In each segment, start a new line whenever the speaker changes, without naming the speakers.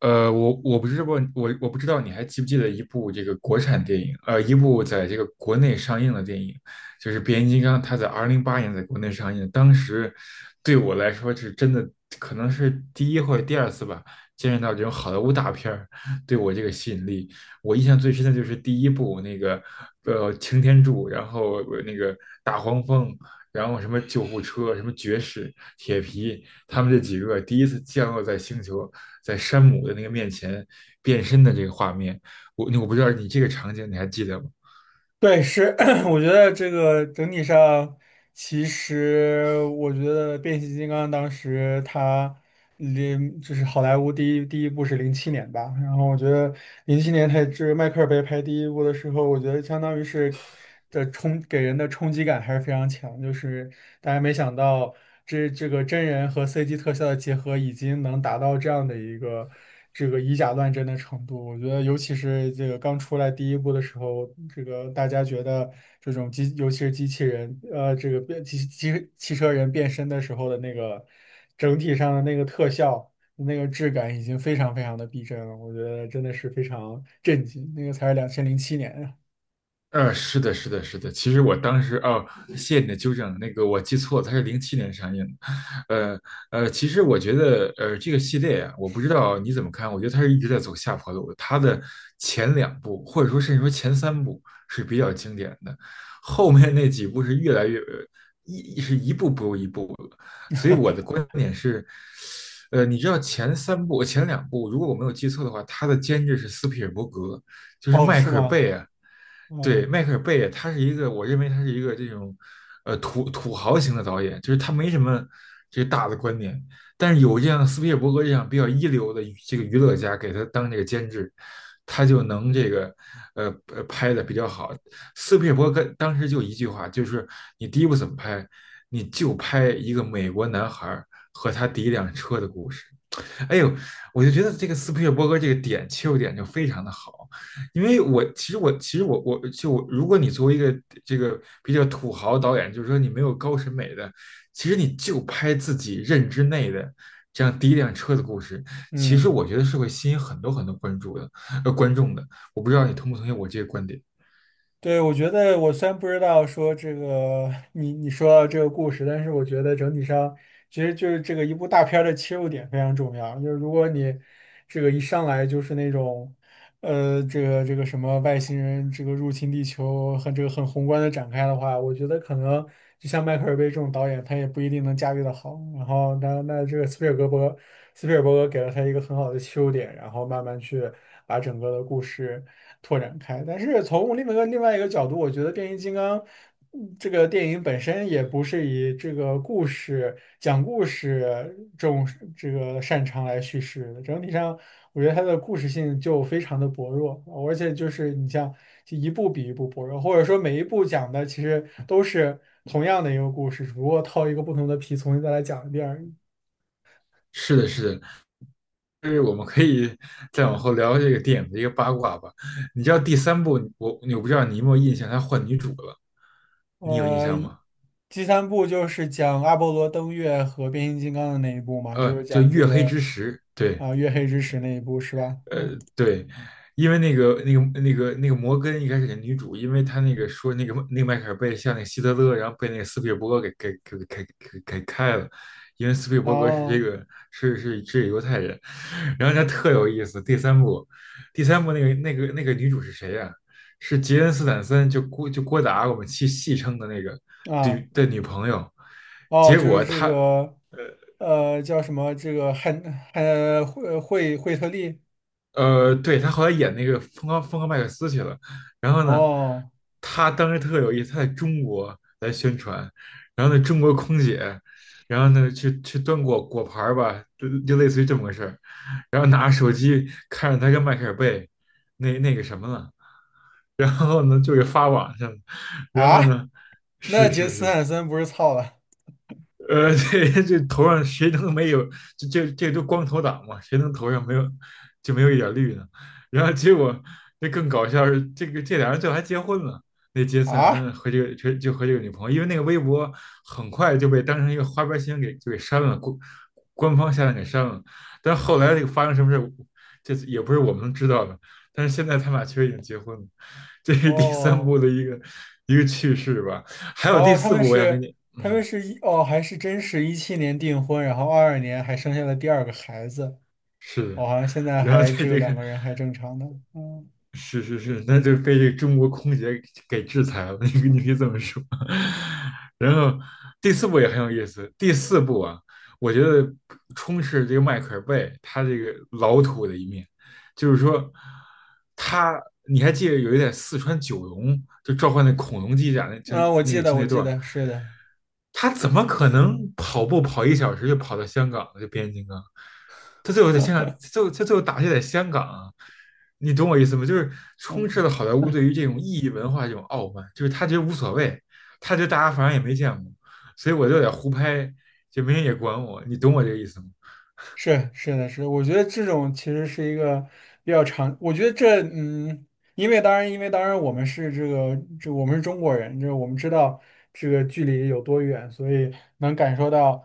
我不知道，我不知道你还记不记得一部这个国产电影，一部在这个国内上映的电影，就是《变形金刚》，它在2008年在国内上映，当时对我来说是真的，可能是第一或者第二次吧，见识到这种好莱坞大片儿对我这个吸引力。我印象最深的就是第一部那个，擎天柱，然后那个大黄蜂，然后什么救护车，什么爵士、铁皮，他们这几个第一次降落在星球。在山姆的那个面前变身的这个画面。我不知道你这个场景你还记得吗？
对，是，我觉得这个整体上，其实我觉得变形金刚当时它就是好莱坞第一部是零七年吧，然后我觉得零七年它这迈克尔贝拍第一部的时候，我觉得相当于是的冲给人的冲击感还是非常强，就是大家没想到这个真人和 CG 特效的结合已经能达到这样的一个。这个以假乱真的程度。我觉得，尤其是这个刚出来第一部的时候，这个大家觉得这种机，尤其是机器人，这个变机机汽车人变身的时候的那个整体上的那个特效、那个质感，已经非常非常的逼真了。我觉得真的是非常震惊。那个才是2007年啊。
是的，是的，是的。其实我当时哦，谢谢你的纠正，那个我记错了，它是07年上映的。呃其实我觉得，这个系列啊，我不知道你怎么看，我觉得它是一直在走下坡路的。它的前两部，或者说甚至说前三部是比较经典的，后面那几部是越来越一步不如一步了。所以我的 观点是，你知道前三部、前两部，如果我没有记错的话，它的监制是斯皮尔伯格，就是
哦，
迈
是
克尔
吗？
贝啊。对，
嗯
迈克尔贝，他是一个，我认为他是一个这种，土豪型的导演，就是他没什么这个大的观点，但是有这样斯皮尔伯格这样比较一流的这个娱乐家给他当这个监制，他就能这个，拍的比较好。斯皮尔伯格当时就一句话，就是你第一部怎么拍，你就拍一个美国男孩儿和他第一辆车的故事。哎呦，我就觉得这个斯皮尔伯格这个切入点就非常的好，因为我其实我其实我我就我如果你作为一个这个比较土豪导演，就是说你没有高审美的，其实你就拍自己认知内的这样第一辆车的故事，其实
嗯。
我觉得是会吸引很多很多关注的观众的。我不知道你同不同意我这个观点？
对，我觉得我虽然不知道说这个 你说到这个故事，但是我觉得整体上其实就是这个一部大片儿的切入点非常重要。就是如果你这个一上来就是那种这个什么外星人这个入侵地球和这个很宏观的展开的话，我觉得可能就像迈克尔贝这种导演，他也不一定能驾驭的好。然后那这个斯皮尔伯格给了他一个很好的切入点，然后慢慢去把整个的故事。拓展开。但是从另外一个角度，我觉得变形金刚，这个电影本身也不是以这个故事讲故事这个擅长来叙事的。整体上，我觉得它的故事性就非常的薄弱，而且就是你像就一部比一部薄弱，或者说每一部讲的其实都是同样的一个故事，只不过套一个不同的皮重新再来讲一遍而已。
是的，是的，就是我们可以 再往后聊这个电影的一个八卦吧。你知道第三部，我不知道你有没有印象，他换女主了，你有印
呃，
象吗？
第三部就是讲阿波罗登月和变形金刚的那一部嘛，就是
就
讲这
《月黑
个
之时》，对，
啊、月黑之时那一部是吧？
呃，
嗯。
对，因为那个摩根一开始的女主，因为他那个说那个迈克尔贝像那个希特勒，然后被那个斯皮尔伯格给给给开了，因为斯皮尔伯格是这
哦。
个是是是犹太人，然后他特有意思。第三部那个女主是谁呀、是杰恩斯坦森，就郭达我们戏称的那个
啊。
女朋友。
哦。
结
就是
果
这
他。
个叫什么这个惠特利。
对，他后来演那个《疯狂疯狂麦克斯》去了。然后呢，
哦。
他当时特有意思，他在中国来宣传，然后呢，中国空姐，然后呢，去端果盘儿吧，就类似于这么个事儿。然后拿着手机看着他跟迈克尔贝那个什么了，然后呢，就给发网上了然后
啊。
呢，
那
是
杰
是
斯
是，
坦森不是操了
这头上谁能没有？这都光头党嘛，谁能头上没有就没有一点绿呢？然后结果这更搞笑是，这个这俩人最后还结婚了。那杰森·斯坦
啊？
森和这个就和这个女朋友，因为那个微博很快就被当成一个花边新闻给删了，官方下来给删了。但后来这个发生什么事，这也不是我们能知道的。但是现在他们俩确实已经结婚了，这是第三
哦。
部的一个趣事吧。还有第
哦。他
四
们
部，我想跟
是
你，
他
嗯。
们是一哦，还是真是17年订婚，然后22年还生下了第二个孩子。
是的，
我好像现在
然后
还
在
只有
这
两
个
个人还正常的，嗯。
是是是，那就被这个中国空姐给制裁了，你可以这么说。然后第四部也很有意思，第四部啊，我觉得充斥这个迈克尔贝他这个老土的一面，就是说他你还记得有一点四川九龙就召唤那恐龙机甲那就
啊，我
那
记
个
得，
就
我
那
记
段儿
得，是的。
他怎么可能跑步跑1小时就跑到香港呢？就变形金刚，他最后在香港，最后打戏在香港啊你懂我意思吗？就是充斥了好莱坞对于这种异域文化这种傲慢，就是他觉得无所谓，他觉得大家反正也没见过，所以我就得胡拍，就没人也管我，你懂我这个意思吗？
是的，我觉得这种其实是一个比较常，我觉得因为当然，我们是这个这我们是中国人，这我们知道这个距离有多远，所以能感受到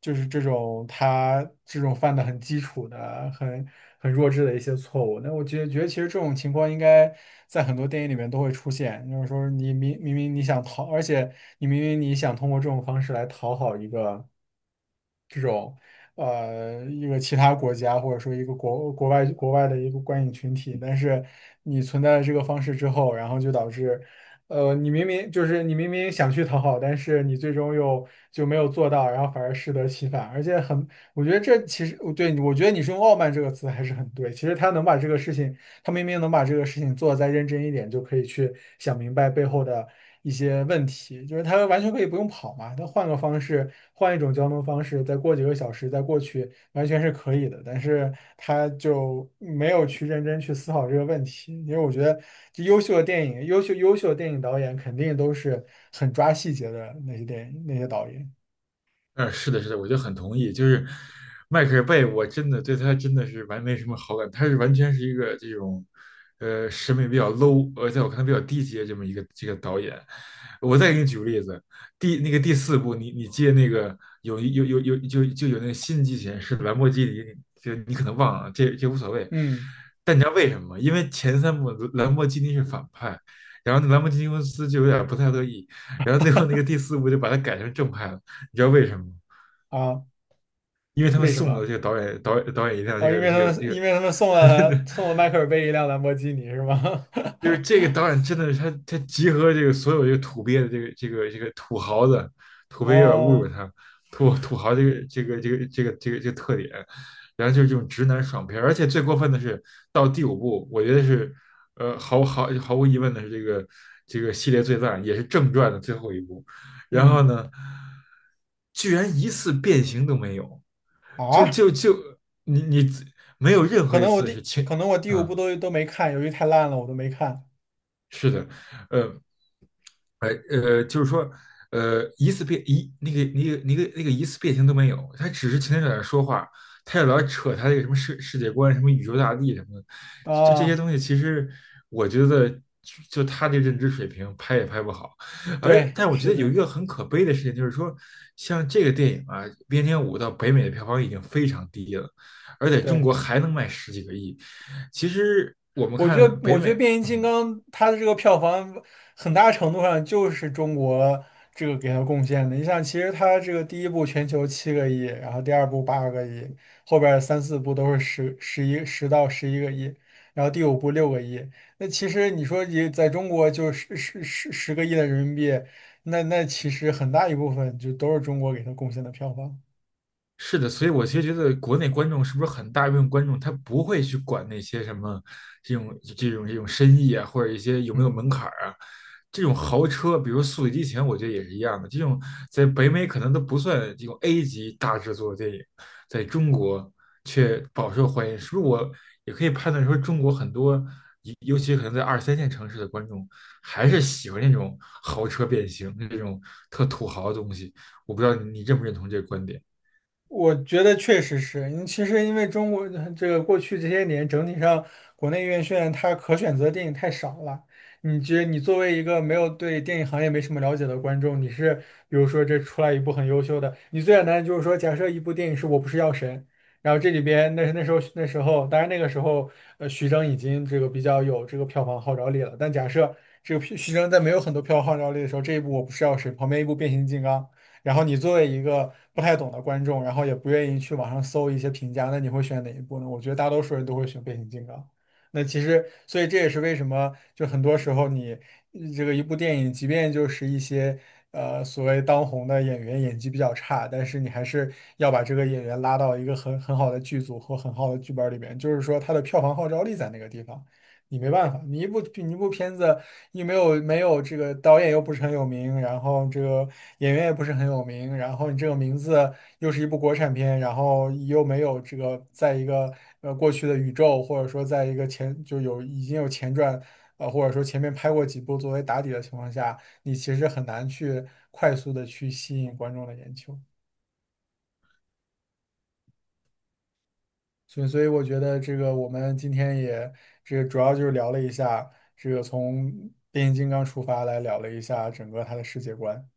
就是这种他这种犯的很基础的、很弱智的一些错误。那我觉得其实这种情况应该在很多电影里面都会出现，就是说你明你想讨，而且你明明你想通过这种方式来讨好一个。一个其他国家或者说一个国外的一个观影群体，但是你存在了这个方式之后，然后就导致，你明明就是你明明想去讨好，但是你最终又就没有做到，然后反而适得其反，而且很，我觉得这其实对，我觉得你是用傲慢这个词还是很对，其实他能把这个事情。他明明能把这个事情做得再认真一点，就可以去想明白背后的一些问题。就是他完全可以不用跑嘛，他换个方式，换一种交通方式，再过几个小时再过去，完全是可以的。但是他就没有去认真去思考这个问题，因为我觉得这优秀的电影，优秀的电影导演肯定都是很抓细节的那些电影那些导演。
嗯，是的，是的，我就很同意。就是迈克尔贝，我真的对他真的没什么好感，他完全是一个这种，审美比较 low,而且我看他比较低级的这么一个这个导演。我再给你举个例子，第那个第四部，你接那个有有有有就就有那个新机器人是兰博基尼，你可能忘了，这无所谓。
嗯。
但你知道为什么吗？因为前三部兰博基尼是反派，然后那兰博基尼公司就有点不太乐意，然后最后那个第四部就把它改成正派了。你知道为什么吗？
啊，
因为他们
为什
送了
么？
这个导演一辆这
哦，因
个
为他
这个
们
这个
送了迈克尔贝一辆兰博基尼是吗？
就是这个 导演真的是他，他集合这个所有这个土鳖的这个土豪的土鳖有点侮辱
哦。
他，土豪这个特点，然后就是这种直男爽片儿而且最过分的是到第五部，我觉得是毫无疑问的是这个这个系列最烂，也是正传的最后一部，然
嗯。
后呢，居然一次变形都没有，就
啊。
就就你你没有任何一次是轻，
可能我第五部
嗯，
都没看，由于太烂了，我都没看
是的。呃，就是说，一次变一那个那个那个那个一次变形都没有，他只是天天在那说话，他也老扯他那个什么世界观、什么宇宙大帝什么的，就这些
啊。
东西，其实我觉得就他的认知水平拍也拍不好，而
对，
但我觉
是
得有一
的，
个很可悲的事情，就是说，像这个电影啊，《边疆五》到北美的票房已经非常低了，而在中
对。
国还能卖十几个亿，其实我们看北
我觉得
美。
变形金
嗯，
刚它的这个票房很大程度上就是中国这个给它贡献的。你想，其实它这个第一部全球7亿，然后第二部8亿，后边儿三四部都是10到11亿，然后第五部6亿。那其实你说你在中国就是10亿的人民币，那其实很大一部分就都是中国给它贡献的票房。
是的，所以我其实觉得国内观众是不是很大一部分观众他不会去管那些什么这种这种深意啊，或者一些有没有
嗯。
门槛儿啊，这种豪车，比如《速度与激情》，我觉得也是一样的。这种在北美可能都不算这种 A 级大制作的电影，在中国却饱受欢迎，是不是？我也可以判断说，中国很多，尤其可能在二三线城市的观众，还是喜欢那种豪车变形，这种特土豪的东西。我不知道你认不认同这个观点。
我觉得确实是，其实因为中国这个过去这些年整体上国内院线它可选择电影太少了。你作为一个没有对电影行业没什么了解的观众，你是比如说这出来一部很优秀的，你最简单的就是说，假设一部电影是我不是药神，然后这里边那时候，当然那个时候徐峥已经这个比较有这个票房号召力了，但假设这个峥在没有很多票房号召力的时候，这一部我不是药神，旁边一部变形金刚。然后你作为一个不太懂的观众，然后也不愿意去网上搜一些评价，那你会选哪一部呢？我觉得大多数人都会选变形金刚。那其实，所以这也是为什么，就很多时候你这个一部电影，即便就是一些所谓当红的演员演技比较差，但是你还是要把这个演员拉到一个很好的剧组或很好的剧本里边，就是说他的票房号召力在那个地方。你没办法，你一部片子你没有这个导演又不是很有名，然后这个演员也不是很有名，然后你这个名字又是一部国产片，然后又没有这个在一个过去的宇宙，或者说在一个前就有已经有前传，或者说前面拍过几部作为打底的情况下，你其实很难去快速的去吸引观众的眼球。所以我觉得这个我们今天也这个主要就是聊了一下这个从变形金刚出发来聊了一下整个它的世界观。